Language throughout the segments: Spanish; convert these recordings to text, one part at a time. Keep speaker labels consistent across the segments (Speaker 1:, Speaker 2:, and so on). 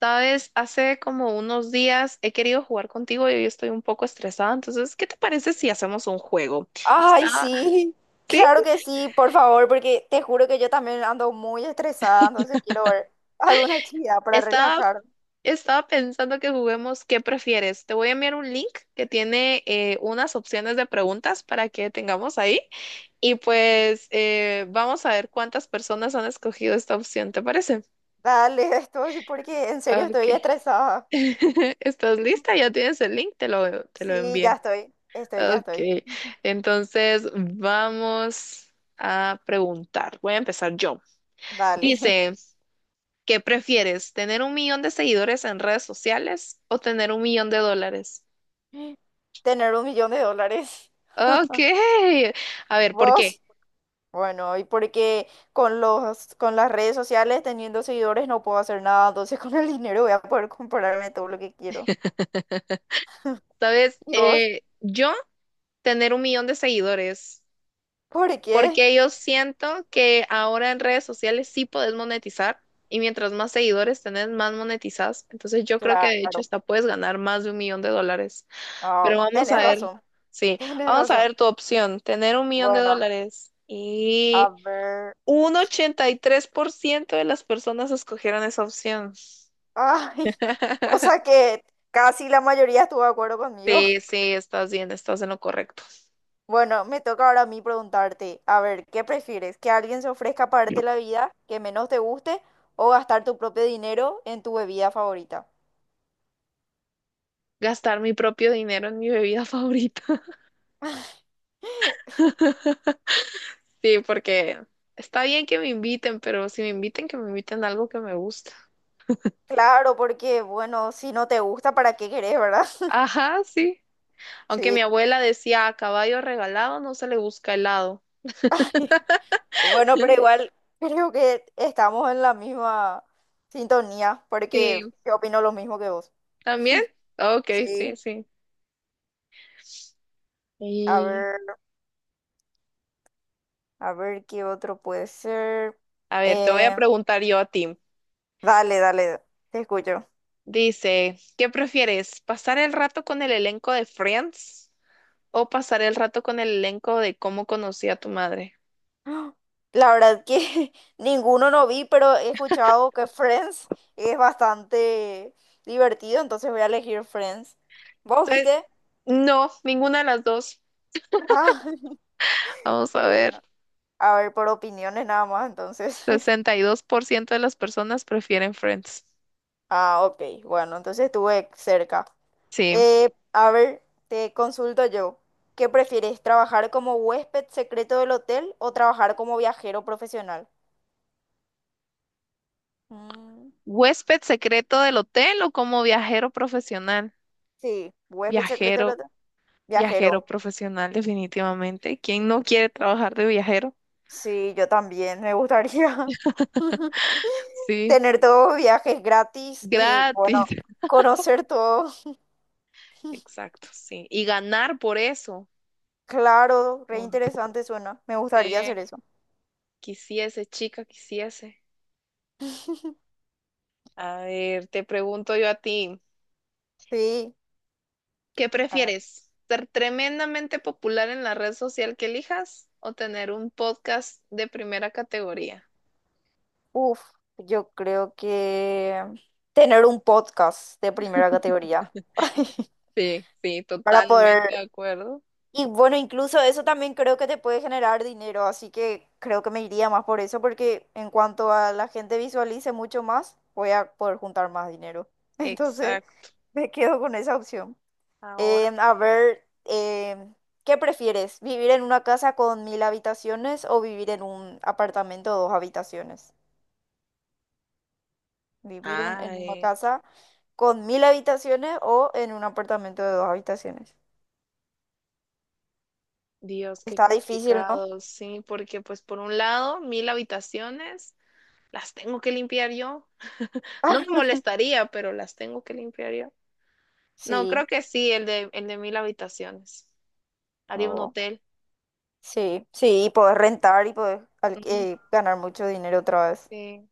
Speaker 1: Sabes, hace como unos días he querido jugar contigo y hoy estoy un poco estresada, entonces, ¿qué te parece si hacemos un juego?
Speaker 2: Ay,
Speaker 1: Estaba,
Speaker 2: sí,
Speaker 1: sí,
Speaker 2: claro que sí, por favor, porque te juro que yo también ando muy estresada, entonces quiero ver alguna actividad para
Speaker 1: estaba,
Speaker 2: relajar.
Speaker 1: estaba pensando que juguemos. ¿Qué prefieres? Te voy a enviar un link que tiene unas opciones de preguntas para que tengamos ahí y pues vamos a ver cuántas personas han escogido esta opción, ¿te parece?
Speaker 2: Dale, porque en serio estoy
Speaker 1: Ok.
Speaker 2: estresada.
Speaker 1: ¿Estás lista? Ya tienes el link, te lo
Speaker 2: Sí, ya
Speaker 1: envié.
Speaker 2: estoy, ya estoy.
Speaker 1: Ok, entonces vamos a preguntar. Voy a empezar yo.
Speaker 2: Dale.
Speaker 1: Dice, ¿qué prefieres? ¿Tener un millón de seguidores en redes sociales o tener un millón de dólares?
Speaker 2: Tener 1 millón de dólares.
Speaker 1: Ok, a ver, ¿por qué?
Speaker 2: ¿Vos? Bueno, y porque con las redes sociales, teniendo seguidores, no puedo hacer nada, entonces con el dinero voy a poder comprarme todo lo que quiero.
Speaker 1: Sabes,
Speaker 2: ¿Y vos?
Speaker 1: yo tener un millón de seguidores,
Speaker 2: ¿Por qué?
Speaker 1: porque yo siento que ahora en redes sociales sí podés monetizar y mientras más seguidores tenés, más monetizás. Entonces yo creo que de hecho
Speaker 2: Claro.
Speaker 1: hasta puedes ganar más de un millón de dólares. Pero
Speaker 2: Ah,
Speaker 1: vamos a
Speaker 2: tienes
Speaker 1: ver,
Speaker 2: razón,
Speaker 1: sí,
Speaker 2: tienes
Speaker 1: vamos a
Speaker 2: razón.
Speaker 1: ver tu opción, tener un millón de
Speaker 2: Bueno,
Speaker 1: dólares.
Speaker 2: a
Speaker 1: Y
Speaker 2: ver.
Speaker 1: un
Speaker 2: Sí.
Speaker 1: 83% de las personas escogieron esa opción.
Speaker 2: Ay, o sea que casi la mayoría estuvo de acuerdo conmigo.
Speaker 1: Sí, sí, estás bien, estás en lo correcto.
Speaker 2: Bueno, me toca ahora a mí preguntarte, a ver, ¿qué prefieres? ¿Que alguien se ofrezca a pagarte la vida que menos te guste o gastar tu propio dinero en tu bebida favorita?
Speaker 1: Gastar mi propio dinero en mi bebida favorita. Sí, porque está bien que me inviten, pero si me inviten, que me inviten a algo que me gusta.
Speaker 2: Claro, porque bueno, si no te gusta, ¿para qué querés, verdad?
Speaker 1: Ajá, sí. Aunque
Speaker 2: Sí,
Speaker 1: mi abuela decía, a caballo regalado no se le busca helado.
Speaker 2: bueno, pero igual creo que estamos en la misma sintonía,
Speaker 1: Sí,
Speaker 2: porque yo opino lo mismo que vos.
Speaker 1: también. Ok, sí,
Speaker 2: Sí,
Speaker 1: sí,
Speaker 2: a
Speaker 1: y
Speaker 2: ver, a ver qué otro puede ser.
Speaker 1: a ver, te voy a
Speaker 2: Eh,
Speaker 1: preguntar yo a ti.
Speaker 2: dale, dale, te escucho.
Speaker 1: Dice, ¿qué prefieres? ¿Pasar el rato con el elenco de Friends o pasar el rato con el elenco de Cómo conocí a tu madre?
Speaker 2: ¡Ah! La verdad que ninguno no vi, pero he escuchado que Friends es bastante divertido, entonces voy a elegir Friends. ¿Vos
Speaker 1: Entonces,
Speaker 2: viste?
Speaker 1: no, ninguna de las dos.
Speaker 2: Ah,
Speaker 1: Vamos a
Speaker 2: y
Speaker 1: ver.
Speaker 2: bueno, a ver, por opiniones nada más, entonces.
Speaker 1: 62% de las personas prefieren Friends.
Speaker 2: Ah, ok, bueno, entonces estuve cerca.
Speaker 1: Sí.
Speaker 2: A ver, te consulto yo. ¿Qué prefieres, trabajar como huésped secreto del hotel o trabajar como viajero profesional? Mm,
Speaker 1: ¿Huésped secreto del hotel o como viajero profesional?
Speaker 2: sí, huésped secreto del
Speaker 1: Viajero,
Speaker 2: hotel. Viajero.
Speaker 1: viajero profesional, definitivamente. ¿Quién no quiere trabajar de viajero?
Speaker 2: Sí, yo también, me gustaría
Speaker 1: Sí,
Speaker 2: tener todos viajes gratis y bueno,
Speaker 1: gratis.
Speaker 2: conocer todo.
Speaker 1: Exacto, sí. Y ganar por eso.
Speaker 2: Claro, re interesante suena. Me gustaría hacer
Speaker 1: Porque
Speaker 2: eso.
Speaker 1: quisiese, chica, quisiese. A ver, te pregunto yo a ti,
Speaker 2: Sí.
Speaker 1: ¿qué
Speaker 2: ah,
Speaker 1: prefieres? ¿Ser tremendamente popular en la red social que elijas o tener un podcast de primera categoría?
Speaker 2: Uf, yo creo que tener un podcast de primera categoría.
Speaker 1: Sí, sí,
Speaker 2: Para
Speaker 1: totalmente de
Speaker 2: poder...
Speaker 1: acuerdo.
Speaker 2: Y bueno, incluso eso también creo que te puede generar dinero, así que creo que me iría más por eso, porque en cuanto a la gente visualice mucho más, voy a poder juntar más dinero. Entonces,
Speaker 1: Exacto.
Speaker 2: me quedo con esa opción.
Speaker 1: Ahora.
Speaker 2: A ver, ¿qué prefieres? ¿Vivir en una casa con 1.000 habitaciones o vivir en un apartamento de dos habitaciones? ¿Vivir en una
Speaker 1: Ay,
Speaker 2: casa con 1.000 habitaciones o en un apartamento de dos habitaciones?
Speaker 1: Dios, qué
Speaker 2: Está difícil, ¿no?
Speaker 1: complicado. Sí, porque pues por un lado, mil habitaciones las tengo que limpiar yo. No me molestaría, pero las tengo que limpiar yo. No,
Speaker 2: Sí.
Speaker 1: creo que sí, el de mil habitaciones. Haría un
Speaker 2: No.
Speaker 1: hotel.
Speaker 2: Sí, sí, y podés rentar y podés
Speaker 1: Ujú.
Speaker 2: ganar mucho dinero otra vez.
Speaker 1: Sí,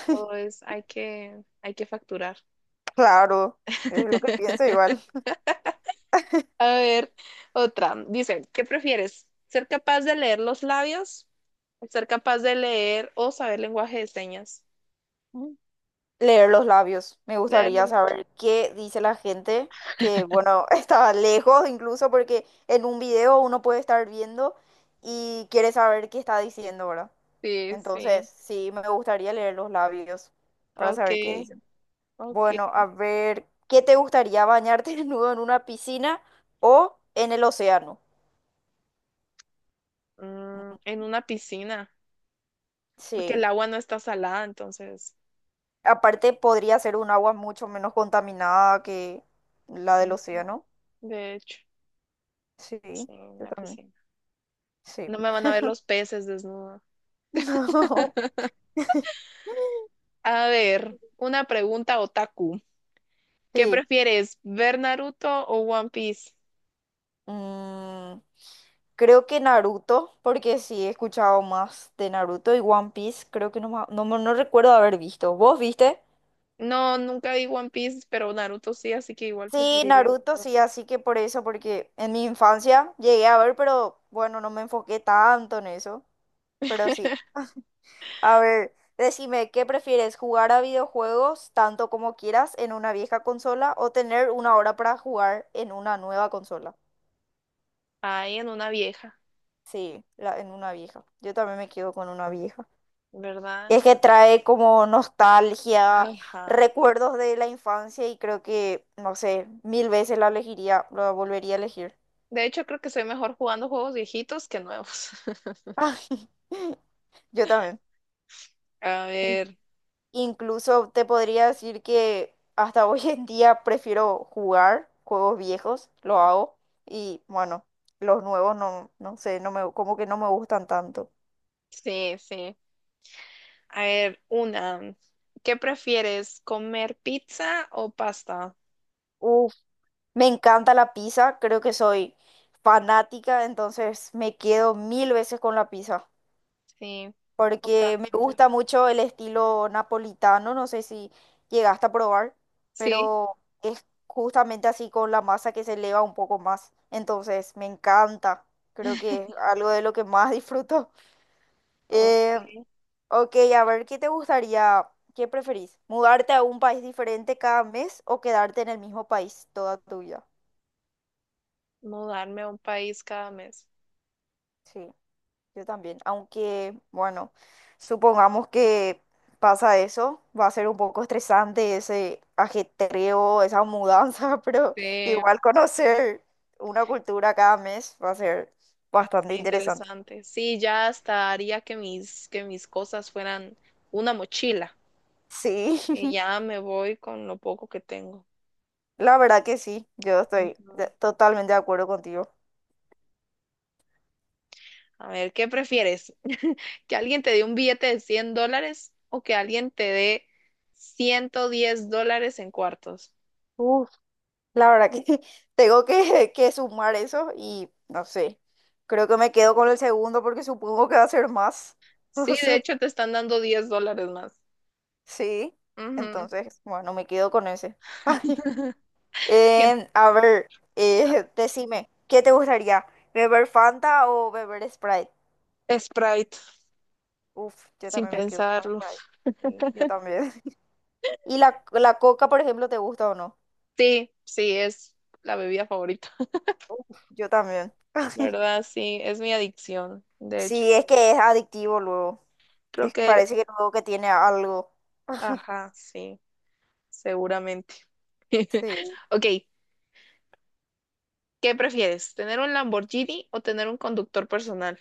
Speaker 1: hay que facturar.
Speaker 2: Claro, es lo que pienso igual.
Speaker 1: A ver, otra. Dice, ¿qué prefieres? ¿Ser capaz de leer los labios? ¿Ser capaz de leer o saber lenguaje de señas?
Speaker 2: Mm. Leer los labios. Me
Speaker 1: Leerlo,
Speaker 2: gustaría
Speaker 1: ¿no?
Speaker 2: saber qué dice la gente, que bueno, está lejos incluso porque en un video uno puede estar viendo y quiere saber qué está diciendo, ¿verdad?
Speaker 1: Sí,
Speaker 2: Entonces,
Speaker 1: sí.
Speaker 2: sí, me gustaría leer los labios para
Speaker 1: Ok,
Speaker 2: saber qué dicen. Bueno,
Speaker 1: ok.
Speaker 2: a ver, ¿qué te gustaría bañarte desnudo en una piscina o en el océano?
Speaker 1: Mm,
Speaker 2: Mm,
Speaker 1: en una piscina, porque el
Speaker 2: sí.
Speaker 1: agua no está salada, entonces.
Speaker 2: Aparte, podría ser un agua mucho menos contaminada que la del
Speaker 1: Ujú.
Speaker 2: océano.
Speaker 1: De hecho,
Speaker 2: Sí,
Speaker 1: sí, en
Speaker 2: yo
Speaker 1: una
Speaker 2: también.
Speaker 1: piscina.
Speaker 2: Sí.
Speaker 1: No me van a ver los peces desnuda.
Speaker 2: No.
Speaker 1: A ver, una pregunta otaku. ¿Qué
Speaker 2: Sí.
Speaker 1: prefieres, ver Naruto o One Piece?
Speaker 2: Mm, Creo que Naruto, porque sí he escuchado más de Naruto y One Piece. Creo que no, no, no recuerdo haber visto. ¿Vos viste?
Speaker 1: No, nunca vi One Piece, pero Naruto sí, así que igual
Speaker 2: Sí,
Speaker 1: preferiría ver
Speaker 2: Naruto, sí,
Speaker 1: Naruto.
Speaker 2: así que por eso, porque en mi infancia llegué a ver, pero bueno, no me enfoqué tanto en eso. Pero sí. A ver, decime, ¿qué prefieres? ¿Jugar a videojuegos tanto como quieras en una vieja consola o tener una hora para jugar en una nueva consola?
Speaker 1: Ahí en una vieja,
Speaker 2: Sí, en una vieja. Yo también me quedo con una vieja.
Speaker 1: ¿verdad?
Speaker 2: Es que trae como nostalgia,
Speaker 1: Ajá.
Speaker 2: recuerdos de la infancia y creo que, no sé, mil veces la elegiría, la volvería a elegir.
Speaker 1: De hecho, creo que soy mejor jugando juegos viejitos que nuevos.
Speaker 2: Yo también.
Speaker 1: A ver,
Speaker 2: Incluso te podría decir que hasta hoy en día prefiero jugar juegos viejos, lo hago. Y bueno, los nuevos no, no sé, como que no me gustan tanto.
Speaker 1: sí, sí. A ver, una. ¿Qué prefieres, comer pizza o pasta?
Speaker 2: Uf, me encanta la pizza, creo que soy fanática, entonces me quedo mil veces con la pizza.
Speaker 1: Sí,
Speaker 2: Porque me
Speaker 1: totalmente.
Speaker 2: gusta mucho el estilo napolitano, no sé si llegaste a probar,
Speaker 1: Sí,
Speaker 2: pero es justamente así con la masa que se eleva un poco más, entonces me encanta, creo que es algo de lo que más disfruto.
Speaker 1: ok.
Speaker 2: Eh, ok, a ver, qué preferís? ¿Mudarte a un país diferente cada mes o quedarte en el mismo país toda tu vida?
Speaker 1: Mudarme a un país cada mes.
Speaker 2: Sí. Yo también, aunque, bueno, supongamos que pasa eso, va a ser un poco estresante ese ajetreo, esa mudanza, pero
Speaker 1: Sí,
Speaker 2: igual
Speaker 1: está
Speaker 2: conocer una cultura cada mes va a ser bastante interesante.
Speaker 1: interesante. Sí, ya hasta haría que que mis cosas fueran una mochila.
Speaker 2: Sí,
Speaker 1: Y ya me voy con lo poco que tengo.
Speaker 2: la verdad que sí, yo estoy
Speaker 1: Ujú.
Speaker 2: totalmente de acuerdo contigo.
Speaker 1: A ver, ¿qué prefieres? ¿Que alguien te dé un billete de $100 o que alguien te dé $110 en cuartos?
Speaker 2: Uf, la verdad que tengo que sumar eso y no sé, creo que me quedo con el segundo porque supongo que va a ser más,
Speaker 1: Sí,
Speaker 2: no
Speaker 1: de
Speaker 2: sé.
Speaker 1: hecho te están dando $10 más.
Speaker 2: Sí,
Speaker 1: Ujú.
Speaker 2: entonces, bueno, me quedo con ese.
Speaker 1: Hay gente-
Speaker 2: A ver, decime, ¿qué te gustaría? ¿Beber Fanta o beber Sprite?
Speaker 1: Sprite,
Speaker 2: Uf, yo
Speaker 1: sin
Speaker 2: también me quedo con
Speaker 1: pensarlo.
Speaker 2: Sprite. Sí, yo también. ¿Y la Coca, por ejemplo, te gusta o no?
Speaker 1: Sí, sí, es la bebida favorita,
Speaker 2: Uf, yo también.
Speaker 1: ¿verdad? Sí, es mi adicción, de hecho.
Speaker 2: Sí, es que es adictivo luego.
Speaker 1: Creo que,
Speaker 2: Parece que luego que tiene algo.
Speaker 1: ajá, sí, seguramente.
Speaker 2: Sí.
Speaker 1: Ok, ¿qué prefieres? ¿Tener un Lamborghini o tener un conductor personal?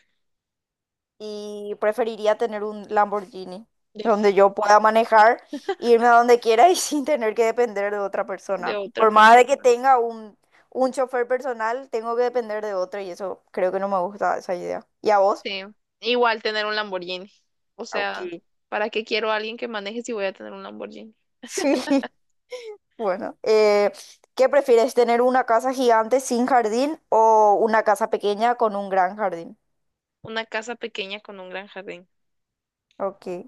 Speaker 2: Y preferiría tener un Lamborghini donde yo pueda
Speaker 1: Definitivamente.
Speaker 2: manejar, e irme a donde quiera y sin tener que depender de otra
Speaker 1: De
Speaker 2: persona.
Speaker 1: otra
Speaker 2: Por más de que
Speaker 1: persona.
Speaker 2: tenga un chofer personal, tengo que depender de otro y eso creo que no me gusta esa idea. ¿Y a vos?
Speaker 1: Sí, igual tener un Lamborghini. O sea,
Speaker 2: Ok.
Speaker 1: ¿para qué quiero a alguien que maneje si voy a tener un Lamborghini?
Speaker 2: Sí, bueno. ¿Qué prefieres, tener una casa gigante sin jardín o una casa pequeña con un gran jardín?
Speaker 1: Una casa pequeña con un gran jardín.
Speaker 2: Ok,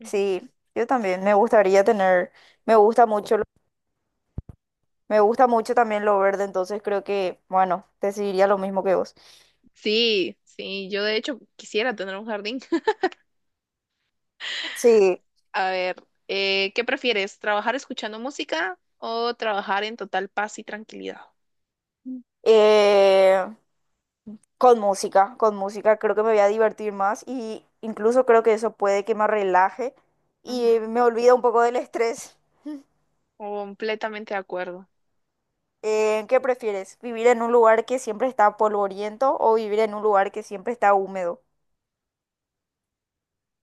Speaker 1: Ujú.
Speaker 2: sí, yo también me gustaría me gusta mucho. Me gusta mucho también lo verde, entonces creo que, bueno, decidiría lo mismo que vos.
Speaker 1: Sí, sí, yo de hecho quisiera tener un jardín.
Speaker 2: Sí.
Speaker 1: A ver, ¿qué prefieres? ¿Trabajar escuchando música o trabajar en total paz y tranquilidad?
Speaker 2: Eh, con música, con música creo que me voy a divertir más y incluso creo que eso puede que me relaje
Speaker 1: Ujú.
Speaker 2: y me olvida un poco del estrés.
Speaker 1: Completamente de acuerdo.
Speaker 2: ¿Qué prefieres? ¿Vivir en un lugar que siempre está polvoriento o vivir en un lugar que siempre está húmedo?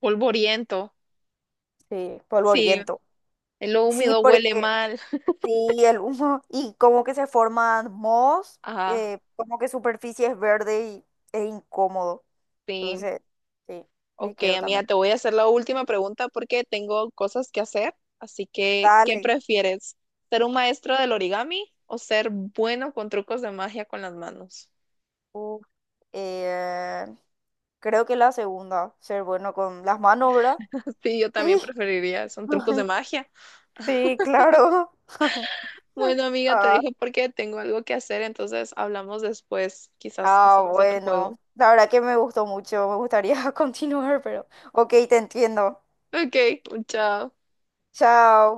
Speaker 1: Polvoriento.
Speaker 2: Sí,
Speaker 1: Sí,
Speaker 2: polvoriento.
Speaker 1: lo
Speaker 2: Sí,
Speaker 1: húmedo huele
Speaker 2: porque
Speaker 1: mal.
Speaker 2: sí, el humo, y como que se forman mohos,
Speaker 1: Ajá,
Speaker 2: como que superficie es verde y es incómodo.
Speaker 1: sí.
Speaker 2: Entonces, sí, me
Speaker 1: Ok,
Speaker 2: quedo
Speaker 1: amiga,
Speaker 2: también.
Speaker 1: te voy a hacer la última pregunta porque tengo cosas que hacer. Así que, ¿qué
Speaker 2: Dale.
Speaker 1: prefieres? ¿Ser un maestro del origami o ser bueno con trucos de magia con las manos?
Speaker 2: Uf, eh, creo que la segunda, ser bueno con las manos, ¿verdad?
Speaker 1: Sí, yo también
Speaker 2: Sí,
Speaker 1: preferiría, son trucos de magia.
Speaker 2: sí, claro.
Speaker 1: Bueno, amiga, te
Speaker 2: Ah,
Speaker 1: dejo porque tengo algo que hacer, entonces hablamos después. Quizás
Speaker 2: ah,
Speaker 1: hacemos otro juego.
Speaker 2: bueno, la verdad que me gustó mucho, me gustaría continuar, pero ok, te entiendo.
Speaker 1: Ok, chao.
Speaker 2: Chao.